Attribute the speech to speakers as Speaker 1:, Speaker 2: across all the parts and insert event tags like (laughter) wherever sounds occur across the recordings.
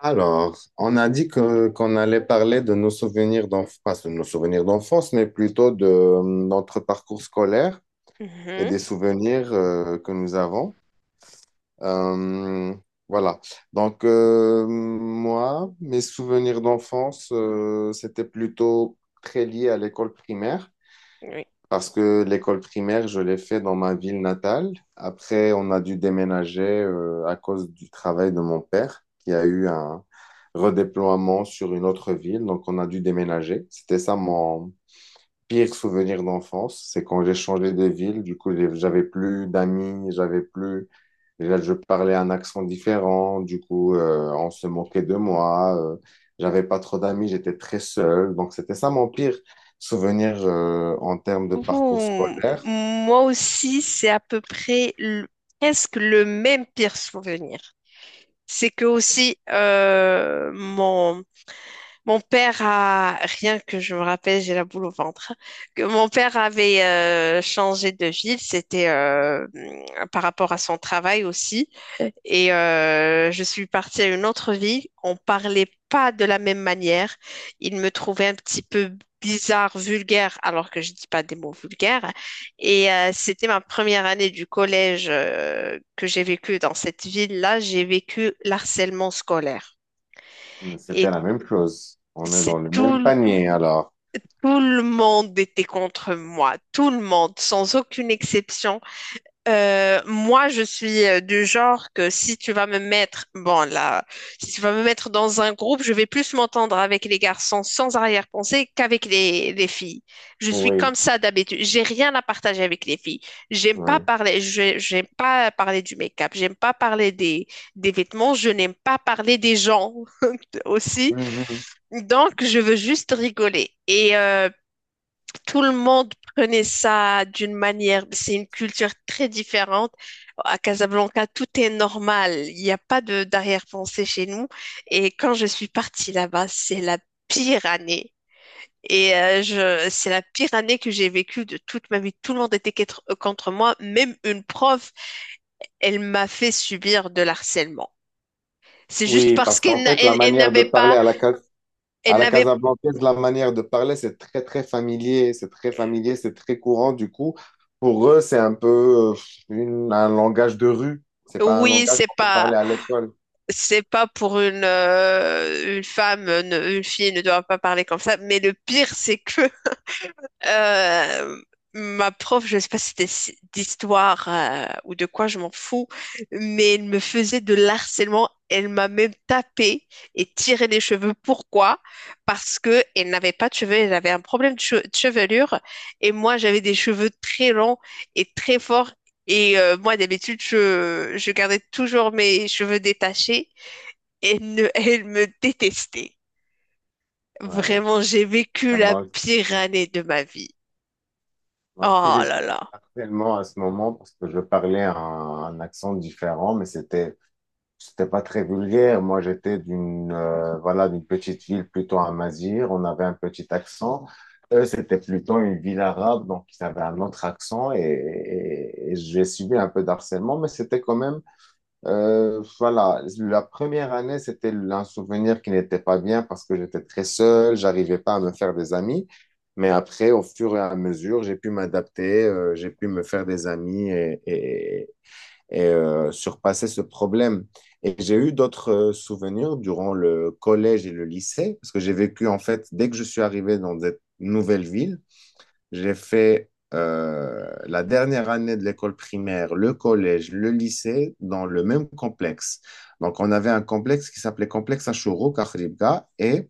Speaker 1: Alors, on a dit que qu'on allait parler de nos souvenirs d'enfance, pas de nos souvenirs d'enfance, mais plutôt de notre parcours scolaire et
Speaker 2: Mhm.
Speaker 1: des souvenirs que nous avons. Euh, voilà. Donc, moi, mes souvenirs d'enfance, c'était plutôt très lié à l'école primaire.
Speaker 2: Oui.
Speaker 1: Parce que l'école primaire, je l'ai fait dans ma ville natale. Après, on a dû déménager à cause du travail de mon père, qui a eu un redéploiement sur une autre ville. Donc, on a dû déménager. C'était ça mon pire souvenir d'enfance. C'est quand j'ai changé de ville. Du coup, j'avais plus d'amis. J'avais plus Déjà, je parlais un accent différent. Du coup, on se moquait de moi. J'avais pas trop d'amis, j'étais très seul. Donc, c'était ça mon pire souvenir en termes de
Speaker 2: Ouh,
Speaker 1: parcours scolaire.
Speaker 2: moi aussi, c'est à peu près presque le même pire souvenir. C'est que aussi, mon père rien que je me rappelle, j'ai la boule au ventre, que mon père avait changé de ville. C'était par rapport à son travail aussi. Et je suis partie à une autre ville. On parlait pas de la même manière. Il me trouvait un petit peu bizarre, vulgaire, alors que je dis pas des mots vulgaires. Et c'était ma première année du collège que j'ai vécu dans cette ville-là. J'ai vécu l'harcèlement scolaire.
Speaker 1: Mais
Speaker 2: Et
Speaker 1: c'était la même chose. On est
Speaker 2: c'est
Speaker 1: dans le même
Speaker 2: tout,
Speaker 1: panier, alors.
Speaker 2: tout le monde était contre moi. Tout le monde, sans aucune exception. Moi, je suis du genre que si tu vas me mettre, bon là, si tu vas me mettre dans un groupe, je vais plus m'entendre avec les garçons sans arrière-pensée qu'avec les filles. Je suis
Speaker 1: Oui,
Speaker 2: comme ça d'habitude. J'ai rien à partager avec les filles. J'aime pas
Speaker 1: oui.
Speaker 2: parler, j'aime pas parler du make-up, j'aime pas parler des vêtements, je n'aime pas parler des gens (laughs) aussi.
Speaker 1: Mhm.
Speaker 2: Donc, je veux juste rigoler. Et tout le monde prenait ça d'une manière. C'est une culture très différente. À Casablanca, tout est normal. Il n'y a pas de d'arrière-pensée chez nous. Et quand je suis partie là-bas, c'est la pire année. Et c'est la pire année que j'ai vécue de toute ma vie. Tout le monde était contre moi. Même une prof, elle m'a fait subir de l'harcèlement. C'est juste
Speaker 1: Oui,
Speaker 2: parce
Speaker 1: parce
Speaker 2: qu'elle
Speaker 1: qu'en
Speaker 2: n'a-
Speaker 1: fait, la
Speaker 2: elle
Speaker 1: manière de
Speaker 2: n'avait
Speaker 1: parler
Speaker 2: pas, elle
Speaker 1: à la
Speaker 2: n'avait,
Speaker 1: Casablancaise, la manière de parler, c'est très, très familier, c'est très familier, c'est très courant. Du coup, pour eux, c'est un peu euh, un langage de rue. C'est pas un
Speaker 2: oui,
Speaker 1: langage
Speaker 2: c'est
Speaker 1: qu'on peut
Speaker 2: pas,
Speaker 1: parler à l'école.
Speaker 2: c'est pas pour une femme, une fille ne doit pas parler comme ça. Mais le pire, c'est que euh, ma prof, je sais pas si c'était d'histoire ou de quoi, je m'en fous, mais elle me faisait de l'harcèlement. Elle m'a même tapé et tiré les cheveux. Pourquoi? Parce que elle n'avait pas de cheveux, elle avait un problème de chevelure et moi j'avais des cheveux très longs et très forts. Et moi d'habitude je gardais toujours mes cheveux détachés et ne, (laughs) elle me détestait.
Speaker 1: Ouais,
Speaker 2: Vraiment, j'ai vécu la
Speaker 1: vraiment.
Speaker 2: pire année de ma vie.
Speaker 1: Moi aussi,
Speaker 2: Oh
Speaker 1: j'ai
Speaker 2: là
Speaker 1: subi
Speaker 2: là.
Speaker 1: harcèlement à ce moment parce que je parlais un accent différent, mais c'était pas très vulgaire. Moi, j'étais d'une voilà, d'une petite ville plutôt à Mazir. On avait un petit accent. Eux, c'était plutôt une ville arabe, donc ils avaient un autre accent et j'ai subi un peu d'harcèlement, mais c'était quand même, voilà, la première année, c'était un souvenir qui n'était pas bien parce que j'étais très seul, j'arrivais pas à me faire des amis. Mais après, au fur et à mesure, j'ai pu m'adapter, j'ai pu me faire des amis et surpasser ce problème. Et j'ai eu d'autres souvenirs durant le collège et le lycée, parce que j'ai vécu, en fait, dès que je suis arrivé dans cette nouvelle ville, j'ai fait la dernière année de l'école primaire, le collège, le lycée, dans le même complexe. Donc, on avait un complexe qui s'appelait Complexe Ashuro Karibga, et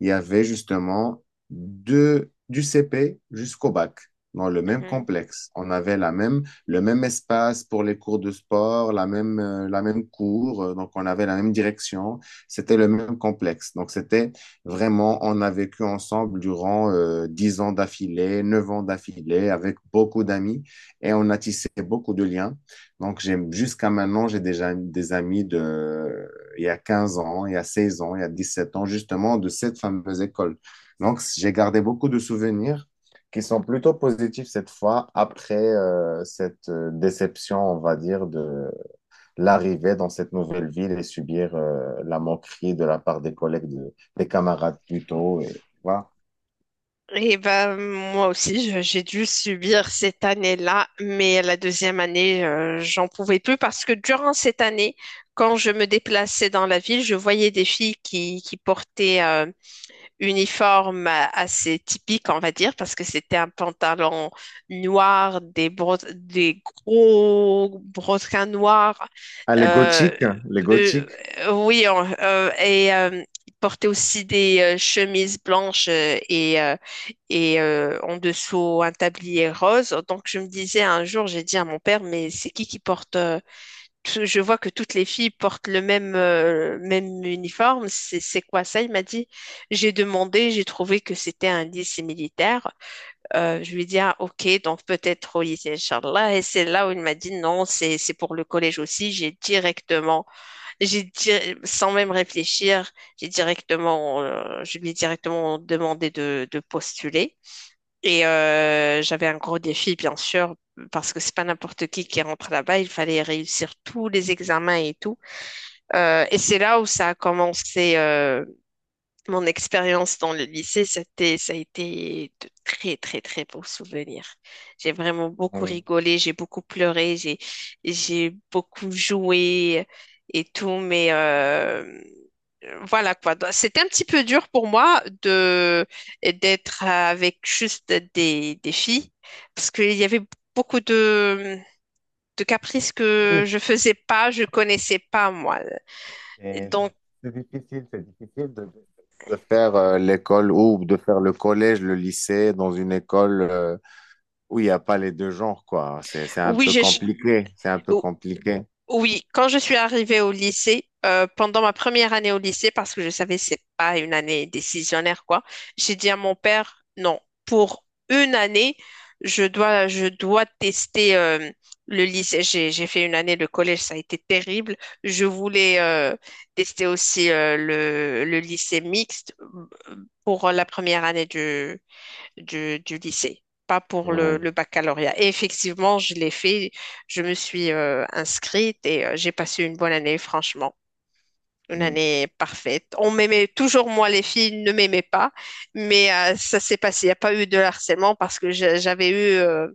Speaker 1: il y avait justement du CP jusqu'au bac dans le même
Speaker 2: Mhm.
Speaker 1: complexe. On avait la même, le même espace pour les cours de sport, la même cour, donc on avait la même direction, c'était le même complexe. Donc c'était vraiment, on a vécu ensemble durant 10 ans d'affilée, 9 ans d'affilée, avec beaucoup d'amis et on a tissé beaucoup de liens. Donc j'ai jusqu'à maintenant, j'ai déjà des amis de il y a 15 ans, il y a 16 ans, il y a 17 ans, justement, de cette fameuse école. Donc, j'ai gardé beaucoup de souvenirs qui sont plutôt positifs cette fois, après cette déception, on va dire, de l'arrivée dans cette nouvelle ville et subir la moquerie de la part des collègues, des camarades plutôt. Et, voilà.
Speaker 2: Et ben moi aussi, j'ai dû subir cette année-là, mais la deuxième année, j'en pouvais plus parce que durant cette année, quand je me déplaçais dans la ville, je voyais des filles qui portaient uniforme assez typique, on va dire, parce que c'était un pantalon noir, des gros brodequins noirs.
Speaker 1: Ah, les
Speaker 2: Euh,
Speaker 1: gothiques, hein, les
Speaker 2: euh,
Speaker 1: gothiques.
Speaker 2: oui, il portait aussi des chemises blanches, en dessous un tablier rose. Donc je me disais un jour, j'ai dit à mon père, mais c'est qui porte je vois que toutes les filles portent le même, même uniforme. C'est quoi ça? Il m'a dit. J'ai demandé, j'ai trouvé que c'était un lycée militaire. Je lui ai dit, ah, ok, donc peut-être au lycée, Inch'Allah. Et c'est là où il m'a dit, non, c'est pour le collège aussi. J'ai directement, j'ai di- sans même réfléchir, je lui ai directement demandé de postuler. Et j'avais un gros défi, bien sûr, parce que c'est pas n'importe qui rentre là-bas. Il fallait réussir tous les examens et tout. Et c'est là où ça a commencé. Mon expérience dans le lycée, ça a été de très, très, très beaux souvenirs. J'ai vraiment beaucoup
Speaker 1: euh,
Speaker 2: rigolé, j'ai beaucoup pleuré, j'ai beaucoup joué et tout, mais voilà quoi. Donc, c'était un petit peu dur pour moi d'être avec juste des filles parce qu'il y avait beaucoup de caprices que
Speaker 1: oui,
Speaker 2: je faisais pas, je connaissais pas moi.
Speaker 1: C'est
Speaker 2: Donc,
Speaker 1: c'est difficile de faire l'école ou de faire le collège, le lycée dans une école, où il n'y a pas les deux genres, quoi. C'est un
Speaker 2: oui,
Speaker 1: peu
Speaker 2: j'ai, ch-
Speaker 1: compliqué. C'est un peu compliqué.
Speaker 2: Oui, quand je suis arrivée au lycée, pendant ma première année au lycée, parce que je savais c'est pas une année décisionnaire quoi, j'ai dit à mon père, non, pour une année, je dois tester le lycée. J'ai fait une année de collège, ça a été terrible. Je voulais tester aussi le lycée mixte euh, pour la première année du lycée, pas pour le,
Speaker 1: Ouais.
Speaker 2: le baccalauréat. Et effectivement, je l'ai fait, je me suis inscrite et j'ai passé une bonne année, franchement. Une
Speaker 1: Mm.
Speaker 2: année parfaite. On m'aimait toujours, moi, les filles ne m'aimaient pas, mais ça s'est passé. Il n'y a pas eu de harcèlement parce que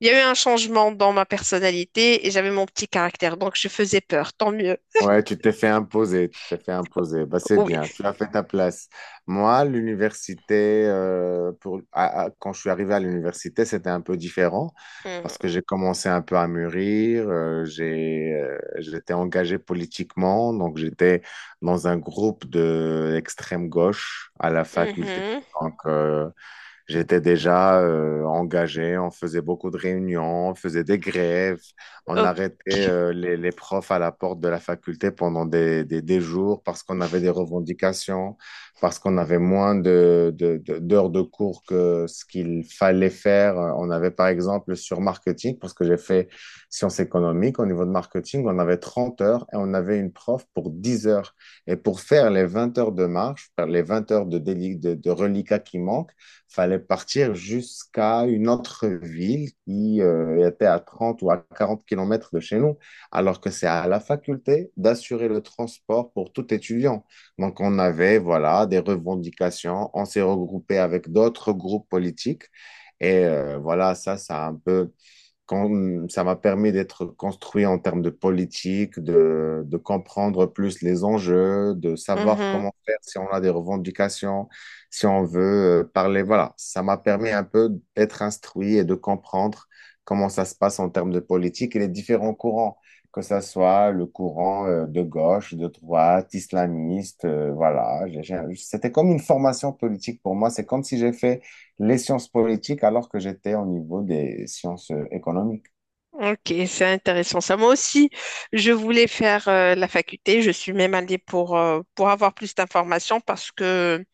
Speaker 2: il y a eu un changement dans ma personnalité et j'avais mon petit caractère, donc je faisais peur. Tant mieux.
Speaker 1: Ouais, tu t'es fait imposer, tu t'es fait imposer. Bah, c'est
Speaker 2: Oui.
Speaker 1: bien, tu as fait ta place. Moi, l'université, quand je suis arrivé à l'université, c'était un peu différent parce que
Speaker 2: Mhm.
Speaker 1: j'ai commencé un peu à mûrir, j'étais engagé politiquement, donc j'étais dans un groupe de l'extrême gauche à la faculté.
Speaker 2: Mhm.
Speaker 1: Donc, j'étais déjà engagé, on faisait beaucoup de réunions, on faisait des grèves, on arrêtait
Speaker 2: Ok.
Speaker 1: les profs à la porte de la faculté pendant des jours parce qu'on avait des revendications, parce qu'on avait moins d'heures de cours que ce qu'il fallait faire. On avait par exemple sur marketing, parce que j'ai fait sciences économiques, au niveau de marketing, on avait 30 heures et on avait une prof pour 10 heures. Et pour faire les 20 heures de marche, faire les 20 heures de, déli- de reliquat qui manquent, fallait partir jusqu'à une autre ville qui était à 30 ou à 40 kilomètres de chez nous, alors que c'est à la faculté d'assurer le transport pour tout étudiant. Donc, on avait, voilà, des revendications, on s'est regroupé avec d'autres groupes politiques et voilà, ça a un peu quand- ça m'a permis d'être construit en termes de politique, de comprendre plus les enjeux, de savoir
Speaker 2: Mhm.
Speaker 1: comment faire si on a des revendications, si on veut parler. Voilà, ça m'a permis un peu d'être instruit et de comprendre comment ça se passe en termes de politique et les différents courants, que ça soit le courant de gauche, de droite, islamiste. Voilà, c'était comme une formation politique pour moi. C'est comme si j'ai fait les sciences politiques alors que j'étais au niveau des sciences économiques.
Speaker 2: Ok, c'est intéressant ça. Moi aussi, je voulais faire la faculté. Je suis même allée pour avoir plus d'informations parce que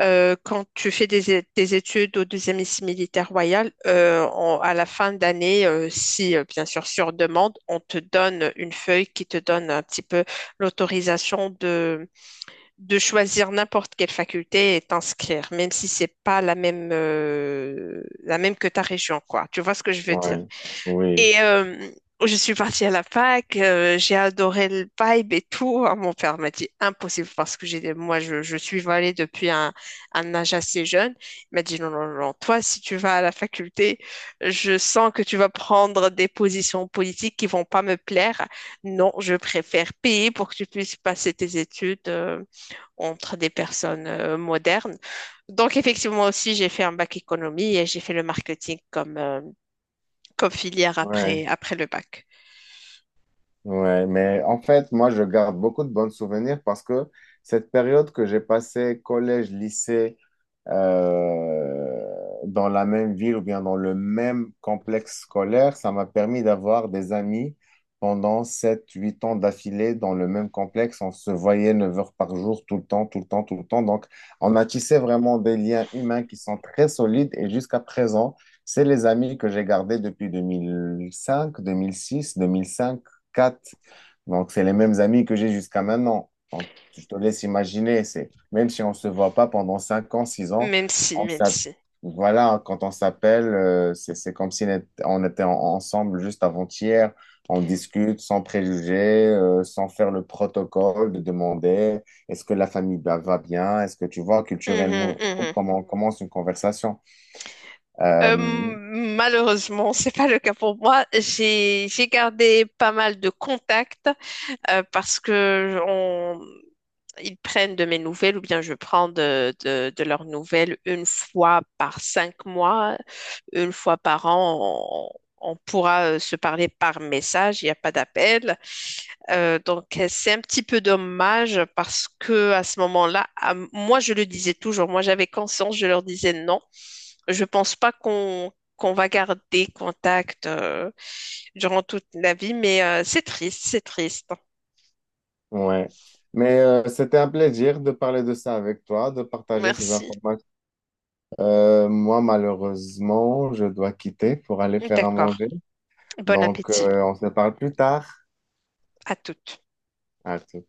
Speaker 2: quand tu fais des études au deuxième lycée militaire royal, à la fin d'année, si bien sûr sur demande, on te donne une feuille qui te donne un petit peu l'autorisation de choisir n'importe quelle faculté et t'inscrire, même si c'est pas la même, la même que ta région, quoi. Tu vois ce que je veux dire?
Speaker 1: Oui, oui,
Speaker 2: Et je suis partie à la fac. J'ai adoré le vibe et tout. Ah, mon père m'a dit impossible parce que moi, je suis allée depuis un âge assez jeune. Il m'a dit non, non, non, toi, si tu vas à la faculté, je sens que tu vas prendre des positions politiques qui vont pas me plaire. Non, je préfère payer pour que tu puisses passer tes études entre des personnes modernes. Donc, effectivement, aussi, j'ai fait un bac économie et j'ai fait le marketing comme comme filière
Speaker 1: oui.
Speaker 2: après le bac.
Speaker 1: Ouais, mais en fait, moi, je garde beaucoup de bons souvenirs parce que cette période que j'ai passée, collège, lycée, dans la même ville ou bien dans le même complexe scolaire, ça m'a permis d'avoir des amis pendant 7, 8 ans d'affilée dans le même complexe. On se voyait 9 heures par jour, tout le temps, tout le temps, tout le temps. Donc, on a tissé vraiment des liens humains qui sont très solides et jusqu'à présent, c'est les amis que j'ai gardés depuis 2005, 2006, 2005, 4. Donc, c'est les mêmes amis que j'ai jusqu'à maintenant. Donc, je te laisse imaginer, c'est même si on ne se voit pas pendant 5 ans, 6 ans,
Speaker 2: Même si,
Speaker 1: on
Speaker 2: même
Speaker 1: s'app-
Speaker 2: si.
Speaker 1: voilà, quand on s'appelle, c'est comme si on était ensemble juste avant-hier. On discute sans préjugés, sans faire le protocole de demander est-ce que la famille va bien? Est-ce que tu vois
Speaker 2: Mhm,
Speaker 1: culturellement
Speaker 2: mhm.
Speaker 1: comment on commence une conversation? Euh,
Speaker 2: Malheureusement, c'est pas le cas pour moi. J'ai gardé pas mal de contacts parce que ils prennent de mes nouvelles ou bien je prends de leurs nouvelles une fois par 5 mois, une fois par an. On pourra se parler par message, il n'y a pas d'appel. Donc, c'est un petit peu dommage parce que à ce moment-là, moi, je le disais toujours, moi, j'avais conscience, je leur disais non. Je pense pas qu'on va garder contact durant toute la vie, mais c'est triste, c'est triste.
Speaker 1: ouais. Mais c'était un plaisir de parler de ça avec toi, de partager ces
Speaker 2: Merci.
Speaker 1: informations. Moi, malheureusement, je dois quitter pour aller faire à
Speaker 2: D'accord.
Speaker 1: manger.
Speaker 2: Bon
Speaker 1: Donc,
Speaker 2: appétit
Speaker 1: on se parle plus tard.
Speaker 2: à toutes.
Speaker 1: À tout.